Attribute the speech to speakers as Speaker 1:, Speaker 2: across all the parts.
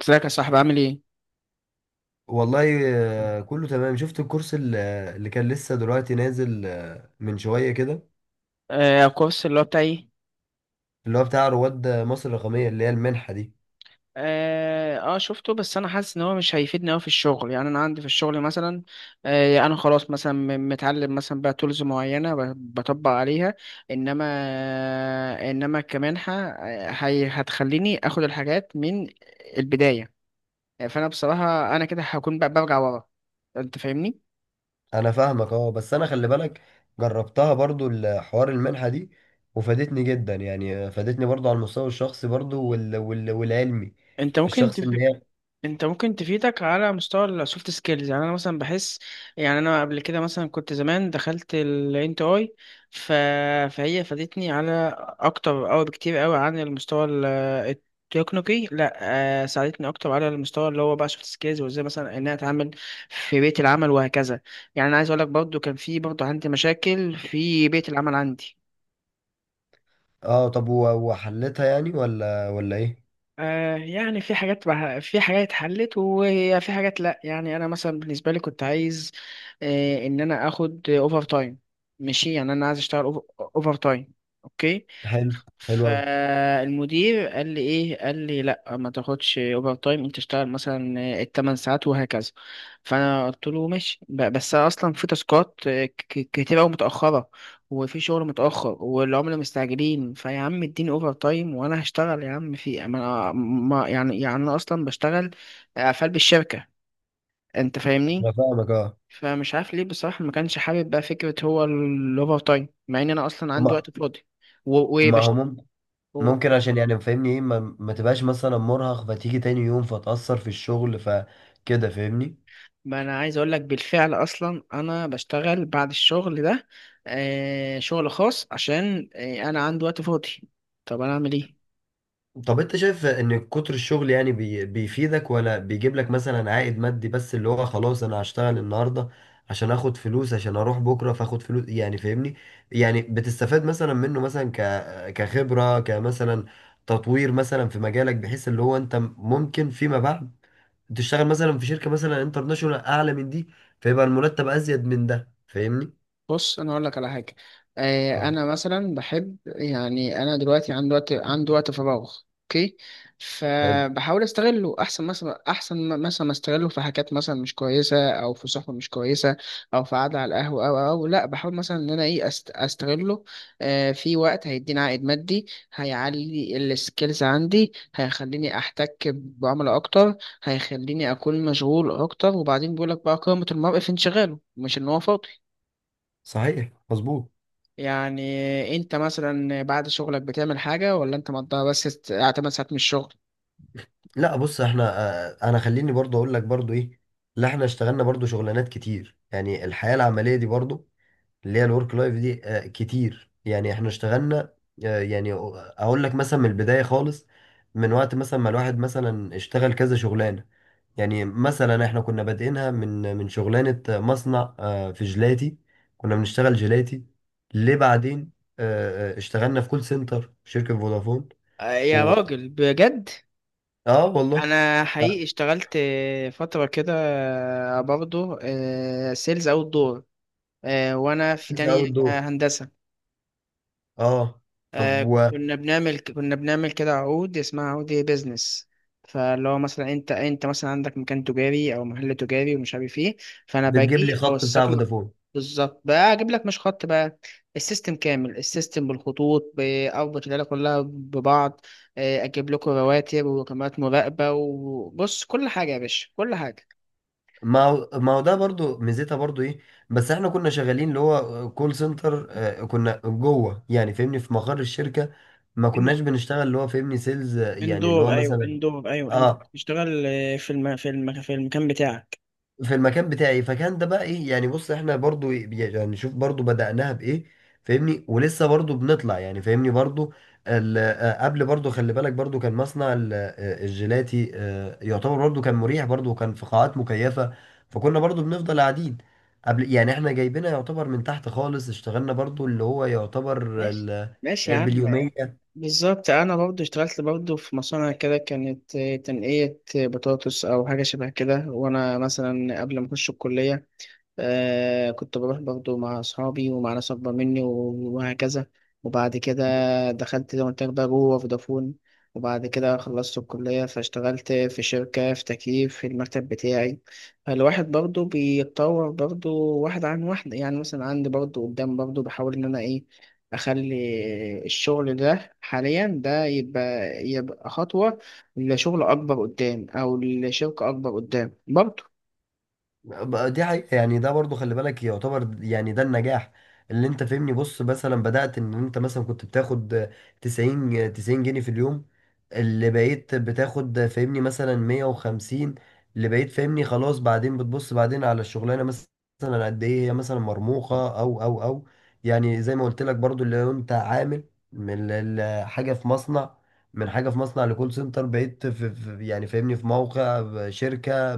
Speaker 1: ازيك يا صاحبي، عامل ايه؟
Speaker 2: والله، كله تمام. شفت الكورس اللي كان لسه دلوقتي نازل من شوية كده،
Speaker 1: آه، الكورس اللي هو بتاعي.
Speaker 2: اللي هو بتاع رواد مصر الرقمية، اللي هي المنحة دي.
Speaker 1: شفته، بس انا حاسس ان هو مش هيفيدني قوي في الشغل. يعني انا عندي في الشغل مثلا. انا خلاص مثلا متعلم مثلا بقى تولز معينة، بطبق عليها. انما، انما كمنحة هي هتخليني اخد الحاجات من البداية. فانا بصراحة انا كده هكون بقى برجع ورا. انت فاهمني؟
Speaker 2: أنا فاهمك، أه، بس أنا خلي بالك، جربتها برضو الحوار، المنحة دي وفادتني جدا. يعني فادتني برضو على المستوى الشخصي برضو والعلمي.
Speaker 1: انت ممكن
Speaker 2: الشخص
Speaker 1: تف...
Speaker 2: إن هي.
Speaker 1: انت ممكن تفيدك على مستوى السوفت سكيلز. يعني انا مثلا بحس، يعني انا قبل كده مثلا كنت زمان دخلت الانت اي. ف... فهي فادتني على اكتر او بكتير قوي عن المستوى التكنيكي. لا، ساعدتني اكتر على المستوى اللي هو بقى سوفت سكيلز، وازاي مثلا ان انا اتعامل في بيئة العمل وهكذا. يعني انا عايز اقول لك برضو كان في برضو عندي مشاكل في بيئة العمل عندي.
Speaker 2: أه. طب وحلتها يعني، ولا إيه؟
Speaker 1: يعني في في حاجات اتحلت وفي حاجات لا. يعني انا مثلا بالنسبه لي كنت عايز ان انا اخد اوفر تايم. ماشي، يعني انا عايز اشتغل اوفر تايم، اوكي.
Speaker 2: حلو. حلو أوي.
Speaker 1: فالمدير قال لي ايه؟ قال لي لا، ما تاخدش اوفر تايم، انت تشتغل مثلا الثمان ساعات وهكذا. فانا قلت له ماشي، بس أنا اصلا في تاسكات كتير قوي متاخره، وفي شغل متاخر والعملاء مستعجلين فيا. عم اديني اوفر تايم وانا هشتغل، يا عم. في ما أنا- ما- يعني انا اصلا بشتغل قفل بالشركه. انت فاهمني؟
Speaker 2: أنا فاهمك.
Speaker 1: فمش عارف ليه بصراحه، ما كانش حابب بقى فكره هو الاوفر تايم، مع ان انا اصلا عندي
Speaker 2: ما
Speaker 1: وقت فاضي و-
Speaker 2: ما هو
Speaker 1: وبشت
Speaker 2: ممكن، عشان يعني فاهمني ايه، ما تبقاش مثلا مرهق، فتيجي تاني يوم فتأثر في الشغل، فكده فاهمني.
Speaker 1: ما انا عايز اقول لك بالفعل اصلا انا بشتغل بعد الشغل ده شغل خاص، عشان انا عندي وقت فاضي. طب انا اعمل ايه؟
Speaker 2: طب انت شايف ان كتر الشغل يعني بيفيدك، ولا بيجيب لك مثلا عائد مادي بس، اللي هو خلاص انا هشتغل النهارده عشان اخد فلوس، عشان اروح بكره فاخد فلوس، يعني فاهمني؟ يعني بتستفاد مثلا منه مثلا، كخبرة، كمثلا تطوير مثلا في مجالك، بحيث اللي هو انت ممكن فيما بعد تشتغل مثلا في شركة مثلا انترناشونال اعلى من دي، فيبقى المرتب ازيد من ده فاهمني.
Speaker 1: بص، انا اقول لك على حاجه.
Speaker 2: اه،
Speaker 1: انا مثلا بحب، يعني انا دلوقتي عندي وقت، عندي وقت فراغ، اوكي.
Speaker 2: حلو.
Speaker 1: فبحاول استغله احسن، مثلا احسن مثلا ما استغله في حاجات مثلا مش كويسه، او في صحبه مش كويسه، او في قعده على القهوه، او لا، بحاول مثلا ان انا ايه استغله في وقت هيديني عائد مادي، هيعلي السكيلز عندي، هيخليني احتك بعملاء اكتر، هيخليني اكون مشغول اكتر. وبعدين بيقول لك بقى، قيمه المرء في انشغاله مش ان هو فاضي.
Speaker 2: صحيح، مظبوط.
Speaker 1: يعني انت مثلا بعد شغلك بتعمل حاجة، ولا انت مقضيها بس 8 ساعات من الشغل؟
Speaker 2: لا، بص احنا انا خليني برضو اقول لك برضو ايه. لا، احنا اشتغلنا برضو شغلانات كتير، يعني الحياة العملية دي برضو، اللي هي الورك لايف دي، كتير، يعني احنا اشتغلنا. يعني اقول لك مثلا من البداية خالص، من وقت مثلا ما الواحد مثلا اشتغل كذا شغلانة. يعني مثلا احنا كنا بادئينها من شغلانة مصنع في جيلاتي، كنا بنشتغل جيلاتي. ليه بعدين اشتغلنا في كول سنتر في شركة فودافون.
Speaker 1: يا راجل بجد،
Speaker 2: اه والله.
Speaker 1: انا حقيقي
Speaker 2: لا.
Speaker 1: اشتغلت فتره كده، برضه سيلز اوت دور، وانا في
Speaker 2: بتنزل
Speaker 1: تانية
Speaker 2: اول دور،
Speaker 1: هندسه.
Speaker 2: اه. طب
Speaker 1: كنا بنعمل كده عقود، اسمها عقود ايه، بيزنس. فاللي هو مثلا، انت مثلا عندك مكان تجاري او محل تجاري ومش عارف ايه، فانا
Speaker 2: وبتجيب
Speaker 1: باجي
Speaker 2: لي خط بتاع
Speaker 1: اوثق لك.
Speaker 2: فودافون.
Speaker 1: بالظبط، بقى اجيب لك مش خط بقى، السيستم كامل، السيستم بالخطوط، باربط العيله كلها ببعض. اجيب لكم رواتب وكاميرات مراقبه، وبص كل حاجه يا باشا، كل حاجه.
Speaker 2: ما هو ده برضو ميزتها برضو ايه. بس احنا كنا شغالين اللي هو كول سنتر، كنا جوه يعني فاهمني في مقر الشركة، ما
Speaker 1: إن-
Speaker 2: كناش بنشتغل اللي هو فاهمني سيلز، يعني
Speaker 1: اندور،
Speaker 2: اللي هو
Speaker 1: ايوه،
Speaker 2: مثلا.
Speaker 1: اندور، ايوه، انت
Speaker 2: اه.
Speaker 1: بتشتغل في في المكان بتاعك.
Speaker 2: في المكان بتاعي، فكان ده بقى ايه يعني؟ بص احنا برضو يعني شوف برضو بدأناها بإيه فاهمني، ولسه برضو بنطلع يعني فاهمني برضو. قبل برضو خلي بالك برضو كان مصنع الجيلاتي، يعتبر برضو كان مريح برضو، وكان في قاعات مكيفة، فكنا برضو بنفضل قاعدين. قبل يعني احنا جايبينها يعتبر من تحت خالص، اشتغلنا برضو اللي هو يعتبر
Speaker 1: ماشي، ماشي يا عم.
Speaker 2: باليومية.
Speaker 1: بالظبط، انا برضو اشتغلت برضو في مصانع كده، كانت تنقية بطاطس او حاجة شبه كده. وانا مثلا قبل ما اخش الكلية كنت بروح برضو مع أصحابي ومع ناس أكبر مني وهكذا. وبعد كده دخلت زي ما قلت لك بقى جوه فودافون. وبعد كده خلصت الكلية، فاشتغلت في شركة في تكييف في المكتب بتاعي. فالواحد برضو بيتطور برضو واحدة عن واحدة. يعني مثلا عندي برضو قدام، برضو بحاول إن أنا إيه، أخلي الشغل ده حاليا ده يبقى، يبقى خطوة لشغل أكبر قدام أو لشركة أكبر قدام برضو.
Speaker 2: بقى دي حقيقة، يعني ده برضو خلي بالك يعتبر يعني ده النجاح اللي انت فهمني. بص مثلا بدأت ان انت مثلا كنت بتاخد 90 جنيه في اليوم، اللي بقيت بتاخد فهمني مثلا 150، اللي بقيت فهمني خلاص، بعدين بتبص بعدين على الشغلانة مثلا قد ايه هي مثلا مرموقة او. يعني زي ما قلت لك برضو اللي هو انت عامل من حاجة في مصنع، من حاجة في مصنع لكول سنتر، بقيت يعني فاهمني في موقع شركة،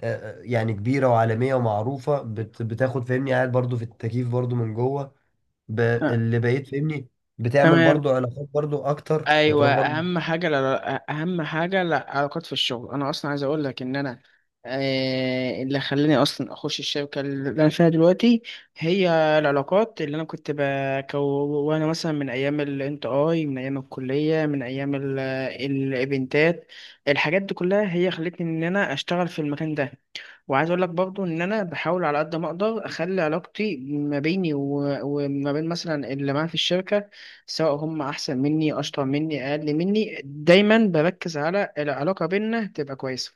Speaker 2: يعني كبيرة وعالمية ومعروفة، بتاخد فاهمني، قاعد برضو في التكييف برضو من جوه ب-
Speaker 1: آه،
Speaker 2: اللي بقيت فاهمني بتعمل
Speaker 1: تمام.
Speaker 2: برضو علاقات برضو أكتر،
Speaker 1: ايوه،
Speaker 2: بتروح برضو.
Speaker 1: اهم حاجه، لا، اهم حاجه العلاقات في الشغل. انا اصلا عايز اقول لك ان انا اللي خلاني اصلا اخش الشركه اللي انا فيها دلوقتي هي العلاقات اللي انا كنت بكونها مثلا من ايام الانت اي، من ايام الكليه، من ايام الايفنتات. الحاجات دي كلها هي خلتني ان انا اشتغل في المكان ده. وعايز اقول لك برضو ان انا بحاول على قد ما اقدر اخلي علاقتي ما بيني وما بين مثلا اللي معايا في الشركه، سواء هم احسن مني، اشطر مني، اقل مني، دايما بركز على العلاقه بيننا تبقى كويسه.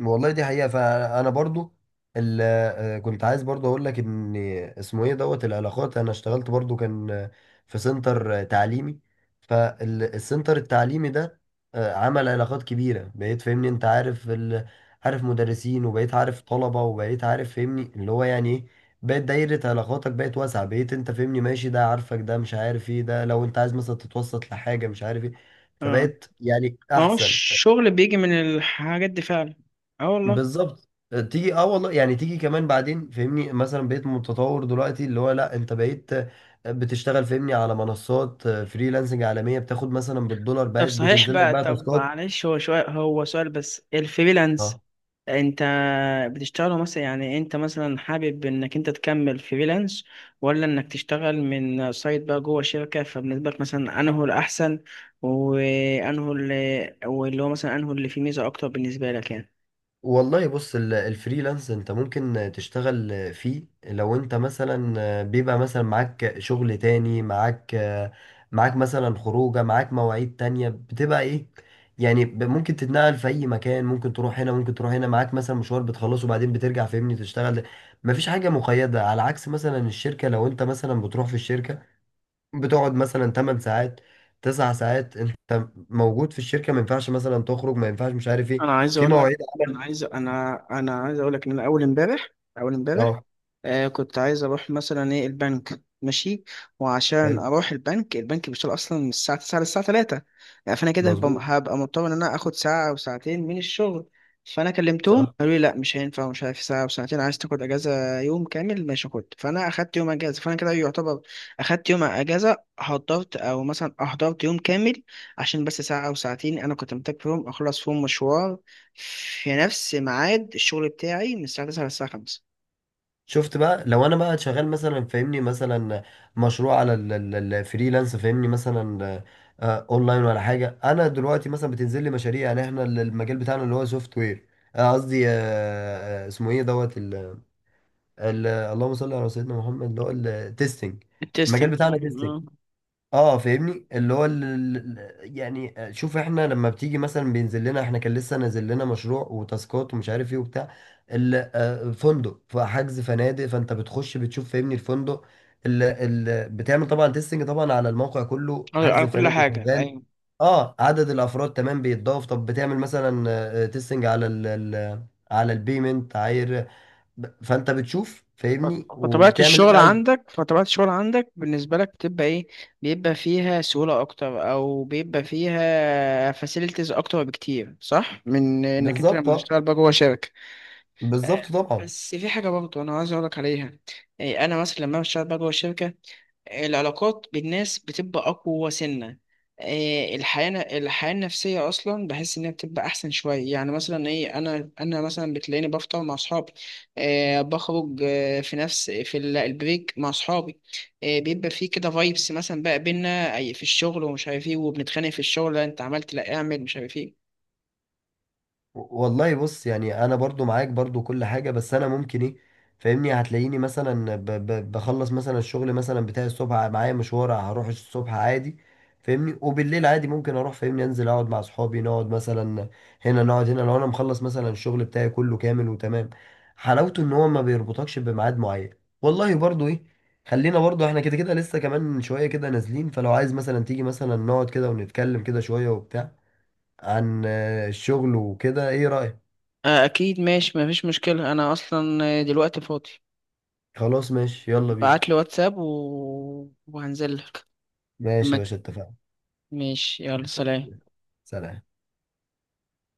Speaker 2: والله دي حقيقة، فأنا برضو كنت عايز برضو أقول لك إن اسمه إيه، دوت العلاقات. أنا اشتغلت برضو، كان في سنتر تعليمي. فالسنتر التعليمي ده عمل علاقات كبيرة، بقيت فاهمني أنت عارف عارف مدرسين، وبقيت عارف طلبة، وبقيت عارف فاهمني اللي هو يعني إيه، بقت دايرة علاقاتك بقت واسعة، بقيت أنت فاهمني ماشي ده عارفك، ده مش عارف إيه، ده لو أنت عايز مثلا تتوسط لحاجة مش عارف إيه،
Speaker 1: اه،
Speaker 2: فبقيت يعني
Speaker 1: ما هو
Speaker 2: أحسن.
Speaker 1: الشغل بيجي من الحاجات دي فعلا. اه والله.
Speaker 2: بالظبط تيجي، اه والله. يعني تيجي كمان بعدين فهمني مثلا بقيت متطور دلوقتي، اللي هو لا، انت بقيت بتشتغل فهمني على منصات فريلانسنج عالمية، بتاخد مثلا بالدولار،
Speaker 1: طب
Speaker 2: بقت
Speaker 1: صحيح
Speaker 2: بتنزل لك
Speaker 1: بقى،
Speaker 2: بقى
Speaker 1: طب
Speaker 2: تاسكات.
Speaker 1: معلش، هو شوية، هو سؤال بس، الفريلانس
Speaker 2: اه
Speaker 1: انت بتشتغله مثلا؟ يعني انت مثلا حابب انك انت تكمل فريلانس، ولا انك تشتغل من سايت بقى جوه شركة؟ فبالنسبة لك مثلا انه الاحسن، وانه اللي هو مثلا انه اللي فيه ميزة اكتر بالنسبة لك يعني.
Speaker 2: والله. بص، الفريلانس انت ممكن تشتغل فيه لو انت مثلا بيبقى مثلا معاك شغل تاني، معاك مثلا خروجه، معاك مواعيد تانية بتبقى ايه، يعني ممكن تتنقل في اي مكان، ممكن تروح هنا ممكن تروح هنا، معاك مثلا مشوار بتخلصه وبعدين بترجع فاهمني تشتغل. مفيش حاجة مقيدة، على عكس مثلا الشركة، لو انت مثلا بتروح في الشركة بتقعد مثلا 8 ساعات، 9 ساعات انت موجود في الشركة، ما ينفعش مثلا تخرج، ما ينفعش مش عارف ايه،
Speaker 1: انا عايز
Speaker 2: في
Speaker 1: اقول لك
Speaker 2: مواعيد عمل.
Speaker 1: انا عايز اقول لك ان انا اول امبارح، اول امبارح
Speaker 2: اه
Speaker 1: كنت عايز اروح مثلا ايه البنك، ماشي. وعشان
Speaker 2: حلو.
Speaker 1: اروح البنك، البنك بيشتغل اصلا من الساعه 9 للساعه 3. يعني فانا كده هبقى
Speaker 2: مظبوط،
Speaker 1: هبقى مضطر ان انا اخد ساعه او ساعتين من الشغل. فانا كلمتهم
Speaker 2: صح.
Speaker 1: قالوا لي لا، مش هينفع، ومش عارف، ساعه او ساعتين عايز تاخد اجازه يوم كامل، ماشي خد. فانا اخدت يوم اجازه، فانا كده يعتبر اخدت يوم اجازه، حضرت او مثلا احضرت يوم كامل، عشان بس ساعه او ساعتين انا كنت محتاج فيهم اخلص فيهم مشوار في نفس ميعاد الشغل بتاعي من الساعه 9 للساعه 5.
Speaker 2: شفت بقى، لو انا بقى شغال مثلا فاهمني، مثلا مشروع على الفريلانس فاهمني مثلا، اونلاين ولا حاجه، انا دلوقتي مثلا بتنزل لي مشاريع. يعني احنا المجال بتاعنا اللي هو سوفت وير، قصدي اسمه ايه، دوت ال، اللهم صل على سيدنا محمد، اللي هو التستنج، المجال
Speaker 1: التستنج،
Speaker 2: بتاعنا تيستنج.
Speaker 1: اه.
Speaker 2: اه فاهمني، اللي هو يعني شوف، احنا لما بتيجي مثلا، بينزل لنا احنا كان لسه نازل لنا مشروع وتاسكات، ومش عارف ايه وبتاع فندق، فحجز فنادق، فانت بتخش بتشوف فاهمني الفندق. بتعمل طبعا تيستنج طبعا على الموقع كله،
Speaker 1: على،
Speaker 2: حجز
Speaker 1: على كل
Speaker 2: الفنادق
Speaker 1: حاجة،
Speaker 2: شغال.
Speaker 1: أيوة.
Speaker 2: اه، عدد الافراد تمام بيتضاف. طب بتعمل مثلا تيستنج على على البيمنت عاير، فانت بتشوف
Speaker 1: ف-
Speaker 2: فاهمني
Speaker 1: فطبيعة
Speaker 2: وبتعمل اللي انت
Speaker 1: الشغل
Speaker 2: عايزه.
Speaker 1: عندك فطبيعة الشغل عندك بالنسبة لك بتبقى إيه؟ بيبقى فيها سهولة أكتر أو بيبقى فيها فاسيلتيز أكتر بكتير، صح؟ من إنك أنت
Speaker 2: بالظبط،
Speaker 1: لما
Speaker 2: اه،
Speaker 1: تشتغل بقى جوه شركة.
Speaker 2: بالظبط طبعا.
Speaker 1: بس في حاجة برضه أنا عايز أقولك عليها، أنا مثلا لما بشتغل بقى جوه الشركة، العلاقات بالناس بتبقى أقوى سنة. الحياة، الحياة النفسية أصلا بحس إنها بتبقى أحسن شوية. يعني مثلا إيه، أنا مثلا بتلاقيني بفطر مع أصحابي، بخرج في نفس في البريك مع أصحابي. بيبقى في كده فايبس مثلا بقى بينا. في الشغل ومش عارف إيه، وبنتخانق في الشغل، لا أنت عملت، لا أعمل، مش عارف إيه.
Speaker 2: والله بص، يعني انا برضو معاك برضو كل حاجة، بس انا ممكن ايه فاهمني، هتلاقيني مثلا ب ب بخلص مثلا الشغل مثلا بتاعي الصبح، معايا مشوار هروح الصبح عادي فاهمني، وبالليل عادي ممكن اروح فاهمني، انزل اقعد مع اصحابي نقعد مثلا هنا، نقعد هنا لو انا مخلص مثلا الشغل بتاعي كله كامل وتمام. حلاوته ان هو ما بيربطكش بميعاد معين. والله برضو ايه، خلينا برضو احنا كده كده لسه كمان شوية كده نازلين، فلو عايز مثلا تيجي مثلا نقعد كده ونتكلم كده شوية وبتاع، عن الشغل وكده، ايه رأيك؟
Speaker 1: أكيد ماشي، مفيش مشكلة. أنا أصلا دلوقتي فاضي.
Speaker 2: خلاص، ماشي، يلا بينا.
Speaker 1: بعتلي واتساب وهنزل لك.
Speaker 2: ماشي يا باشا، اتفقنا.
Speaker 1: ماشي، يلا سلام.
Speaker 2: سلام.